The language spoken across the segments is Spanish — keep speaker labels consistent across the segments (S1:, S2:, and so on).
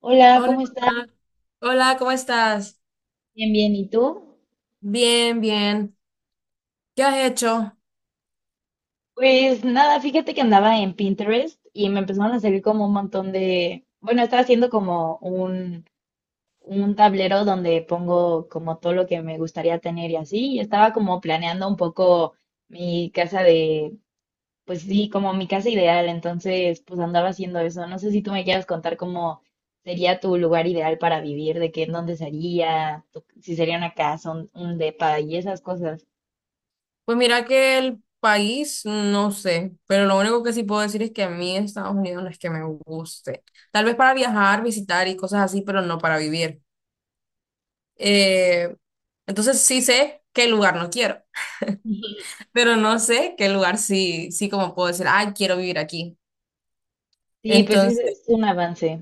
S1: Hola,
S2: Hola,
S1: ¿cómo estás?
S2: Ana. Hola, ¿cómo estás?
S1: Bien, bien, ¿y tú?
S2: Bien, bien. ¿Qué has hecho?
S1: Pues nada, fíjate que andaba en Pinterest y me empezaron a salir como un montón de, bueno, estaba haciendo como un tablero donde pongo como todo lo que me gustaría tener y así, y estaba como planeando un poco mi casa de, pues sí, como mi casa ideal, entonces pues andaba haciendo eso. No sé si tú me quieras contar cómo sería tu lugar ideal para vivir, de qué, en dónde sería, si sería una casa, un depa y esas cosas.
S2: Pues mira que el país, no sé, pero lo único que sí puedo decir es que a mí Estados Unidos no es que me guste. Tal vez para viajar, visitar y cosas así, pero no para vivir. Eh, entonces sí sé qué lugar no quiero, pero no sé qué lugar sí, sí como puedo decir, ay, quiero vivir aquí.
S1: Sí, pues es un avance.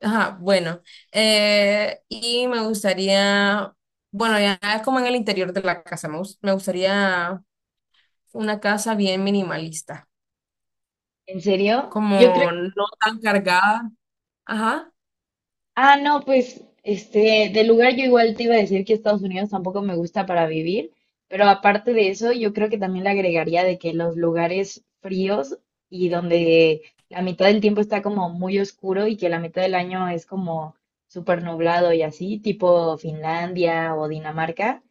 S2: Ajá, bueno, y me gustaría, bueno, ya es como en el interior de la casa, me, me gustaría una casa bien minimalista,
S1: ¿En serio? Yo creo...
S2: como no tan cargada. Ajá,
S1: Ah, no, pues, este, del lugar yo igual te iba a decir que Estados Unidos tampoco me gusta para vivir, pero aparte de eso, yo creo que también le agregaría de que los lugares fríos y donde la mitad del tiempo está como muy oscuro y que la mitad del año es como súper nublado y así, tipo Finlandia o Dinamarca,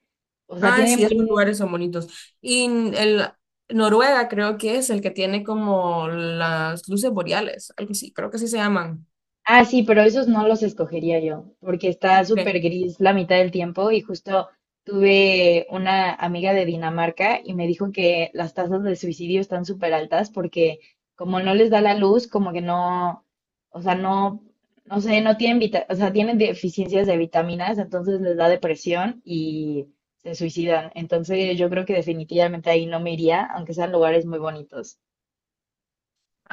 S1: o sea,
S2: ah,
S1: tienen
S2: sí, esos
S1: buen.
S2: lugares son bonitos. Y el Noruega creo que es el que tiene como las luces boreales, algo así, creo que así se llaman.
S1: Ah, sí, pero esos no los escogería yo, porque está súper
S2: Ok,
S1: gris la mitad del tiempo y justo tuve una amiga de Dinamarca y me dijo que las tasas de suicidio están súper altas porque como no les da la luz, como que no, o sea, no, no sé, no tienen vita- o sea, tienen deficiencias de vitaminas, entonces les da depresión y se suicidan. Entonces yo creo que definitivamente ahí no me iría, aunque sean lugares muy bonitos.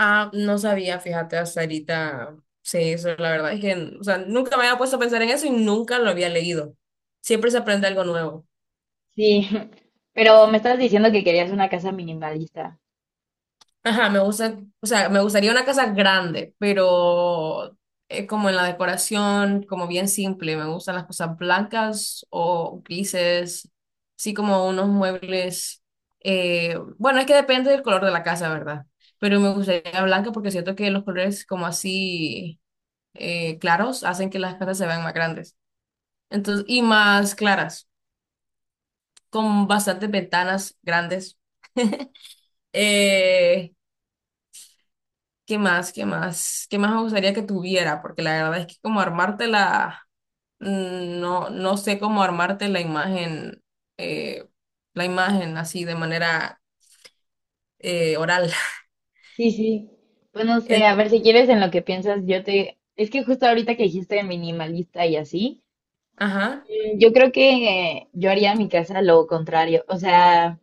S2: ah, no sabía, fíjate, hasta ahorita. Sí, eso la verdad es que, o sea, nunca me había puesto a pensar en eso y nunca lo había leído. Siempre se aprende algo nuevo.
S1: Sí, pero me estabas diciendo que querías una casa minimalista.
S2: Ajá, me gusta, o sea, me gustaría una casa grande, pero como en la decoración, como bien simple. Me gustan las cosas blancas o grises, sí, como unos muebles. Bueno, es que depende del color de la casa, ¿verdad? Pero me gustaría blanca porque siento que los colores como así. Claros hacen que las casas se vean más grandes. Entonces, y más claras, con bastantes ventanas grandes. Eh, ¿Qué más? ¿Qué más? ¿Qué más me gustaría que tuviera? Porque la verdad es que como armarte la, no, no sé cómo armarte eh, la imagen así de manera oral.
S1: Sí, sí. Pues no sé,
S2: Ent-
S1: a ver si quieres en lo que piensas, yo te... Es que justo ahorita que dijiste minimalista y así,
S2: ajá.
S1: yo creo que yo haría en mi casa lo contrario. O sea,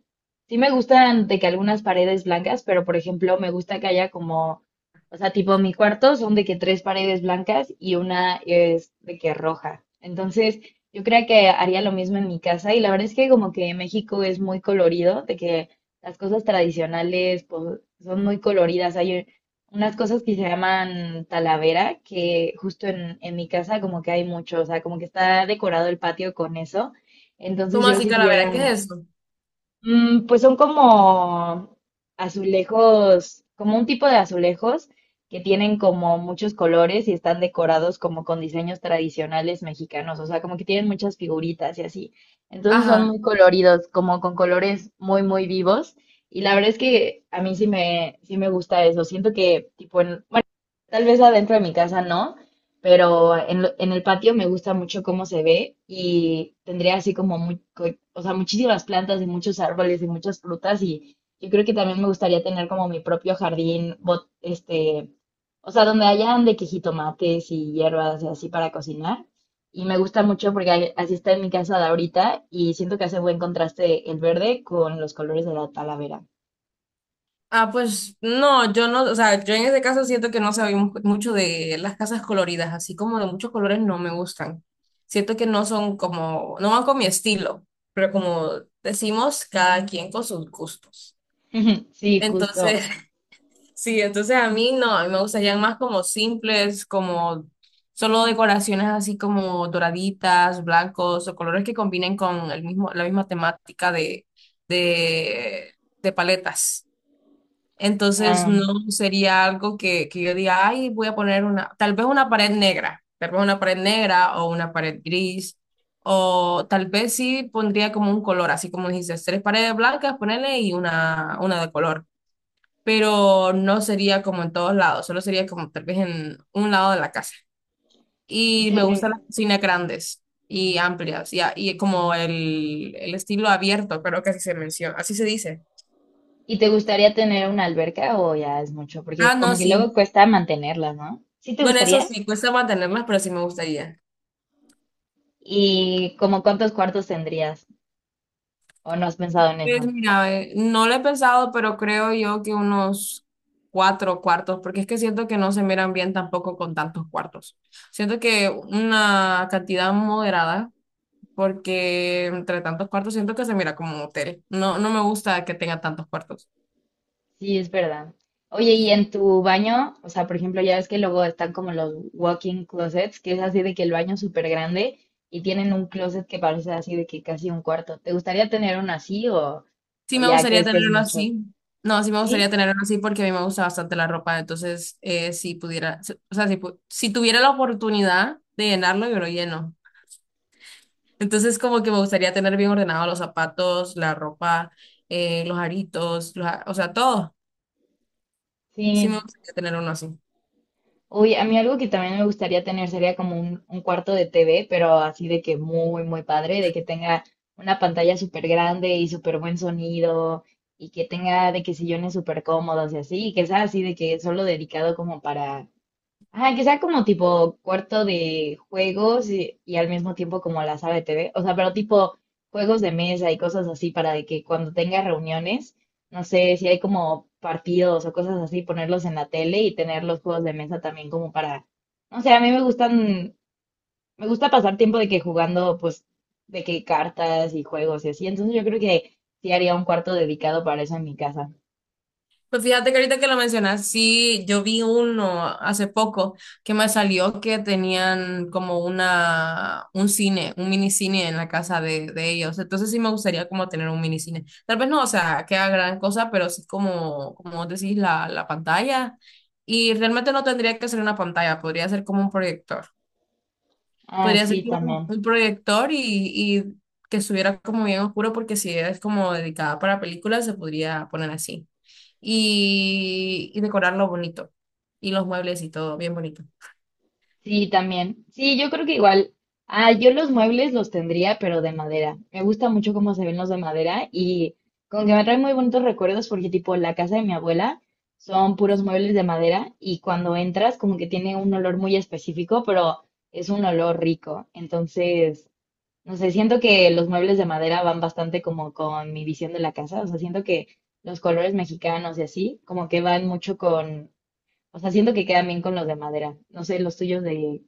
S1: sí me gustan de que algunas paredes blancas, pero por ejemplo, me gusta que haya como, o sea, tipo mi cuarto son de que tres paredes blancas y una es de que roja. Entonces, yo creo que haría lo mismo en mi casa y la verdad es que como que México es muy colorido, de que las cosas tradicionales pues, son muy coloridas. Hay unas cosas que se llaman talavera, que justo en mi casa como que hay mucho, o sea, como que está decorado el patio con eso. Entonces
S2: ¿Cómo
S1: yo
S2: así,
S1: si
S2: calavera? ¿Qué
S1: tuviera,
S2: es eso?
S1: mm, pues son como azulejos, como un tipo de azulejos que tienen como muchos colores y están decorados como con diseños tradicionales mexicanos, o sea, como que tienen muchas figuritas y así. Entonces son
S2: Ajá.
S1: muy coloridos, como con colores muy, muy vivos. Y la verdad es que a mí sí me gusta eso. Siento que, tipo, bueno, tal vez adentro de mi casa no, pero en el patio me gusta mucho cómo se ve y tendría así como o sea, muchísimas plantas y muchos árboles y muchas frutas y yo creo que también me gustaría tener como mi propio jardín, este, o sea, donde hayan de que jitomates y hierbas y así para cocinar. Y me gusta mucho porque así está en mi casa de ahorita y siento que hace buen contraste el verde con los colores de la talavera.
S2: Ah, pues no, yo no, o sea, yo en ese caso siento que no sabemos mucho de las casas coloridas, así como de muchos colores no me gustan. Siento que no son como, no van con mi estilo, pero como decimos, cada quien con sus gustos.
S1: Sí,
S2: Entonces,
S1: justo.
S2: sí, entonces a mí no, a mí me gustarían más como simples, como solo decoraciones así como doraditas, blancos o colores que combinen con el mismo, la misma temática de, de paletas. Entonces
S1: Ah,
S2: no sería algo que yo diga, ay, voy a poner una, tal vez una pared negra, tal vez una pared negra o una pared gris, o tal vez sí pondría como un color, así como dijiste, tres paredes blancas, ponerle y una de color, pero no sería como en todos lados, solo sería como tal vez en un lado de la casa.
S1: ¿y
S2: Y me gustan las
S1: tú?
S2: cocinas grandes y amplias, y, y como el estilo abierto, creo que así se menciona, así se dice.
S1: ¿Y te gustaría tener una alberca o ya es mucho?
S2: Ah,
S1: Porque
S2: no,
S1: como que luego
S2: sí.
S1: cuesta mantenerla, ¿no? ¿Sí te
S2: Bueno, eso
S1: gustaría?
S2: sí, cuesta mantenerlas, pero sí me gustaría.
S1: ¿Y como cuántos cuartos tendrías? ¿O no has pensado en eso?
S2: Pues mira, no lo he pensado, pero creo yo que unos cuatro cuartos, porque es que siento que no se miran bien tampoco con tantos cuartos. Siento que una cantidad moderada, porque entre tantos cuartos siento que se mira como un hotel. No, no me gusta que tenga tantos cuartos.
S1: Sí, es verdad. Oye, ¿y en tu baño? O sea, por ejemplo, ya ves que luego están como los walk-in closets, que es así de que el baño es súper grande y tienen un closet que parece así de que casi un cuarto. ¿Te gustaría tener uno así
S2: Sí
S1: o
S2: me
S1: ya
S2: gustaría
S1: crees que es
S2: tenerlo
S1: mucho?
S2: así. No, sí me gustaría
S1: Sí,
S2: tenerlo así porque a mí me gusta bastante la ropa. Entonces, si pudiera, o sea, si, si tuviera la oportunidad de llenarlo, yo lo lleno. Entonces, como que me gustaría tener bien ordenado los zapatos, la ropa, los aritos, los o sea, todo. Sí me
S1: sí.
S2: gustaría tener uno así.
S1: Uy, a mí algo que también me gustaría tener sería como un cuarto de TV, pero así de que muy, muy padre, de que tenga una pantalla súper grande y súper buen sonido y que tenga de que sillones súper cómodos y así, y que sea así de que solo dedicado como para, ajá, que sea como tipo cuarto de juegos y al mismo tiempo como la sala de TV. O sea, pero tipo juegos de mesa y cosas así para de que cuando tenga reuniones, no sé, si hay como partidos o cosas así, ponerlos en la tele y tener los juegos de mesa también como para, no sé, a mí me gustan, me gusta pasar tiempo de que jugando pues de que cartas y juegos y así. Entonces yo creo que sí haría un cuarto dedicado para eso en mi casa.
S2: Pues fíjate que ahorita que lo mencionas, sí, yo vi uno hace poco que me salió que tenían como una, un cine, un mini cine en la casa de ellos. Entonces sí me gustaría como tener un mini cine. Tal vez no, o sea, que haga gran cosa, pero sí como, como vos decís, la pantalla. Y realmente no tendría que ser una pantalla, podría ser como un proyector.
S1: Ah,
S2: Podría ser
S1: sí,
S2: como
S1: también.
S2: un proyector y que estuviera como bien oscuro porque si es como dedicada para películas se podría poner así. Y decorarlo bonito. Y los muebles y todo bien bonito.
S1: Sí, también. Sí, yo creo que igual. Ah, yo los muebles los tendría, pero de madera. Me gusta mucho cómo se ven los de madera y como que me trae muy bonitos recuerdos porque tipo la casa de mi abuela son puros muebles de madera y cuando entras como que tiene un olor muy específico, pero es un olor rico. Entonces, no sé, siento que los muebles de madera van bastante como con mi visión de la casa. O sea, siento que los colores mexicanos y así, como que van mucho con, o sea, siento que quedan bien con los de madera. No sé, los tuyos de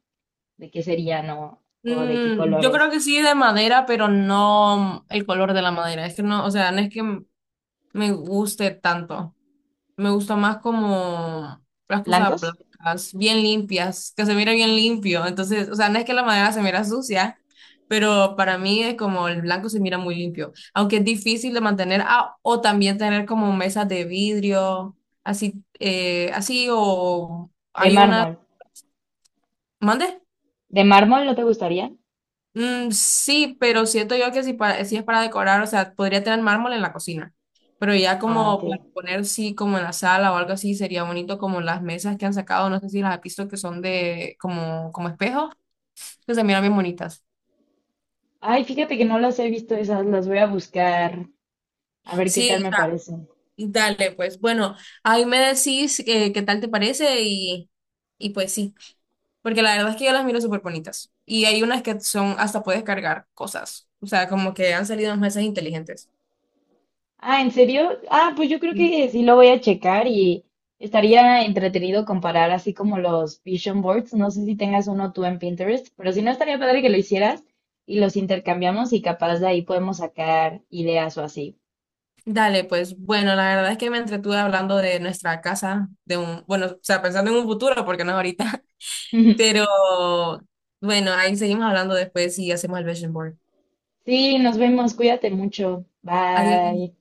S1: ¿de qué serían o de qué
S2: Mm, yo creo
S1: colores?
S2: que sí de madera, pero no el color de la madera. Es que no, o sea, no es que me guste tanto. Me gusta más como las cosas
S1: ¿Blancos?
S2: blancas, bien limpias, que se mire bien limpio. Entonces, o sea, no es que la madera se mira sucia, pero para mí es como el blanco se mira muy limpio. Aunque es difícil de mantener, ah, o también tener como mesas de vidrio, así, así, o
S1: De
S2: hay una.
S1: mármol.
S2: ¿Mande?
S1: ¿De mármol no te gustarían?
S2: Mm, sí, pero siento yo que si, si es para decorar, o sea, podría tener mármol en la cocina, pero ya
S1: Ah, ok.
S2: como para poner, sí, como en la sala o algo así, sería bonito como las mesas que han sacado, no sé si las has visto que son de como, como espejos, que se miran bien bonitas.
S1: Ay, fíjate que no las he visto esas, las voy a buscar a ver qué
S2: Sí,
S1: tal me parecen.
S2: dale, pues bueno, ahí me decís qué tal te parece y pues sí, porque la verdad es que yo las miro súper bonitas y hay unas que son, hasta puedes cargar cosas, o sea, como que han salido unas mesas inteligentes.
S1: Ah, ¿en serio? Ah, pues yo creo que sí lo voy a checar y estaría entretenido comparar así como los vision boards. No sé si tengas uno tú en Pinterest, pero si no estaría padre que lo hicieras y los intercambiamos y capaz de ahí podemos sacar ideas o así.
S2: Dale, pues bueno, la verdad es que me entretuve hablando de nuestra casa, de un, bueno, o sea, pensando en un futuro, porque no es ahorita, pero bueno, ahí seguimos hablando después y hacemos el vision board.
S1: Sí, nos vemos, cuídate mucho.
S2: Adiós.
S1: Bye.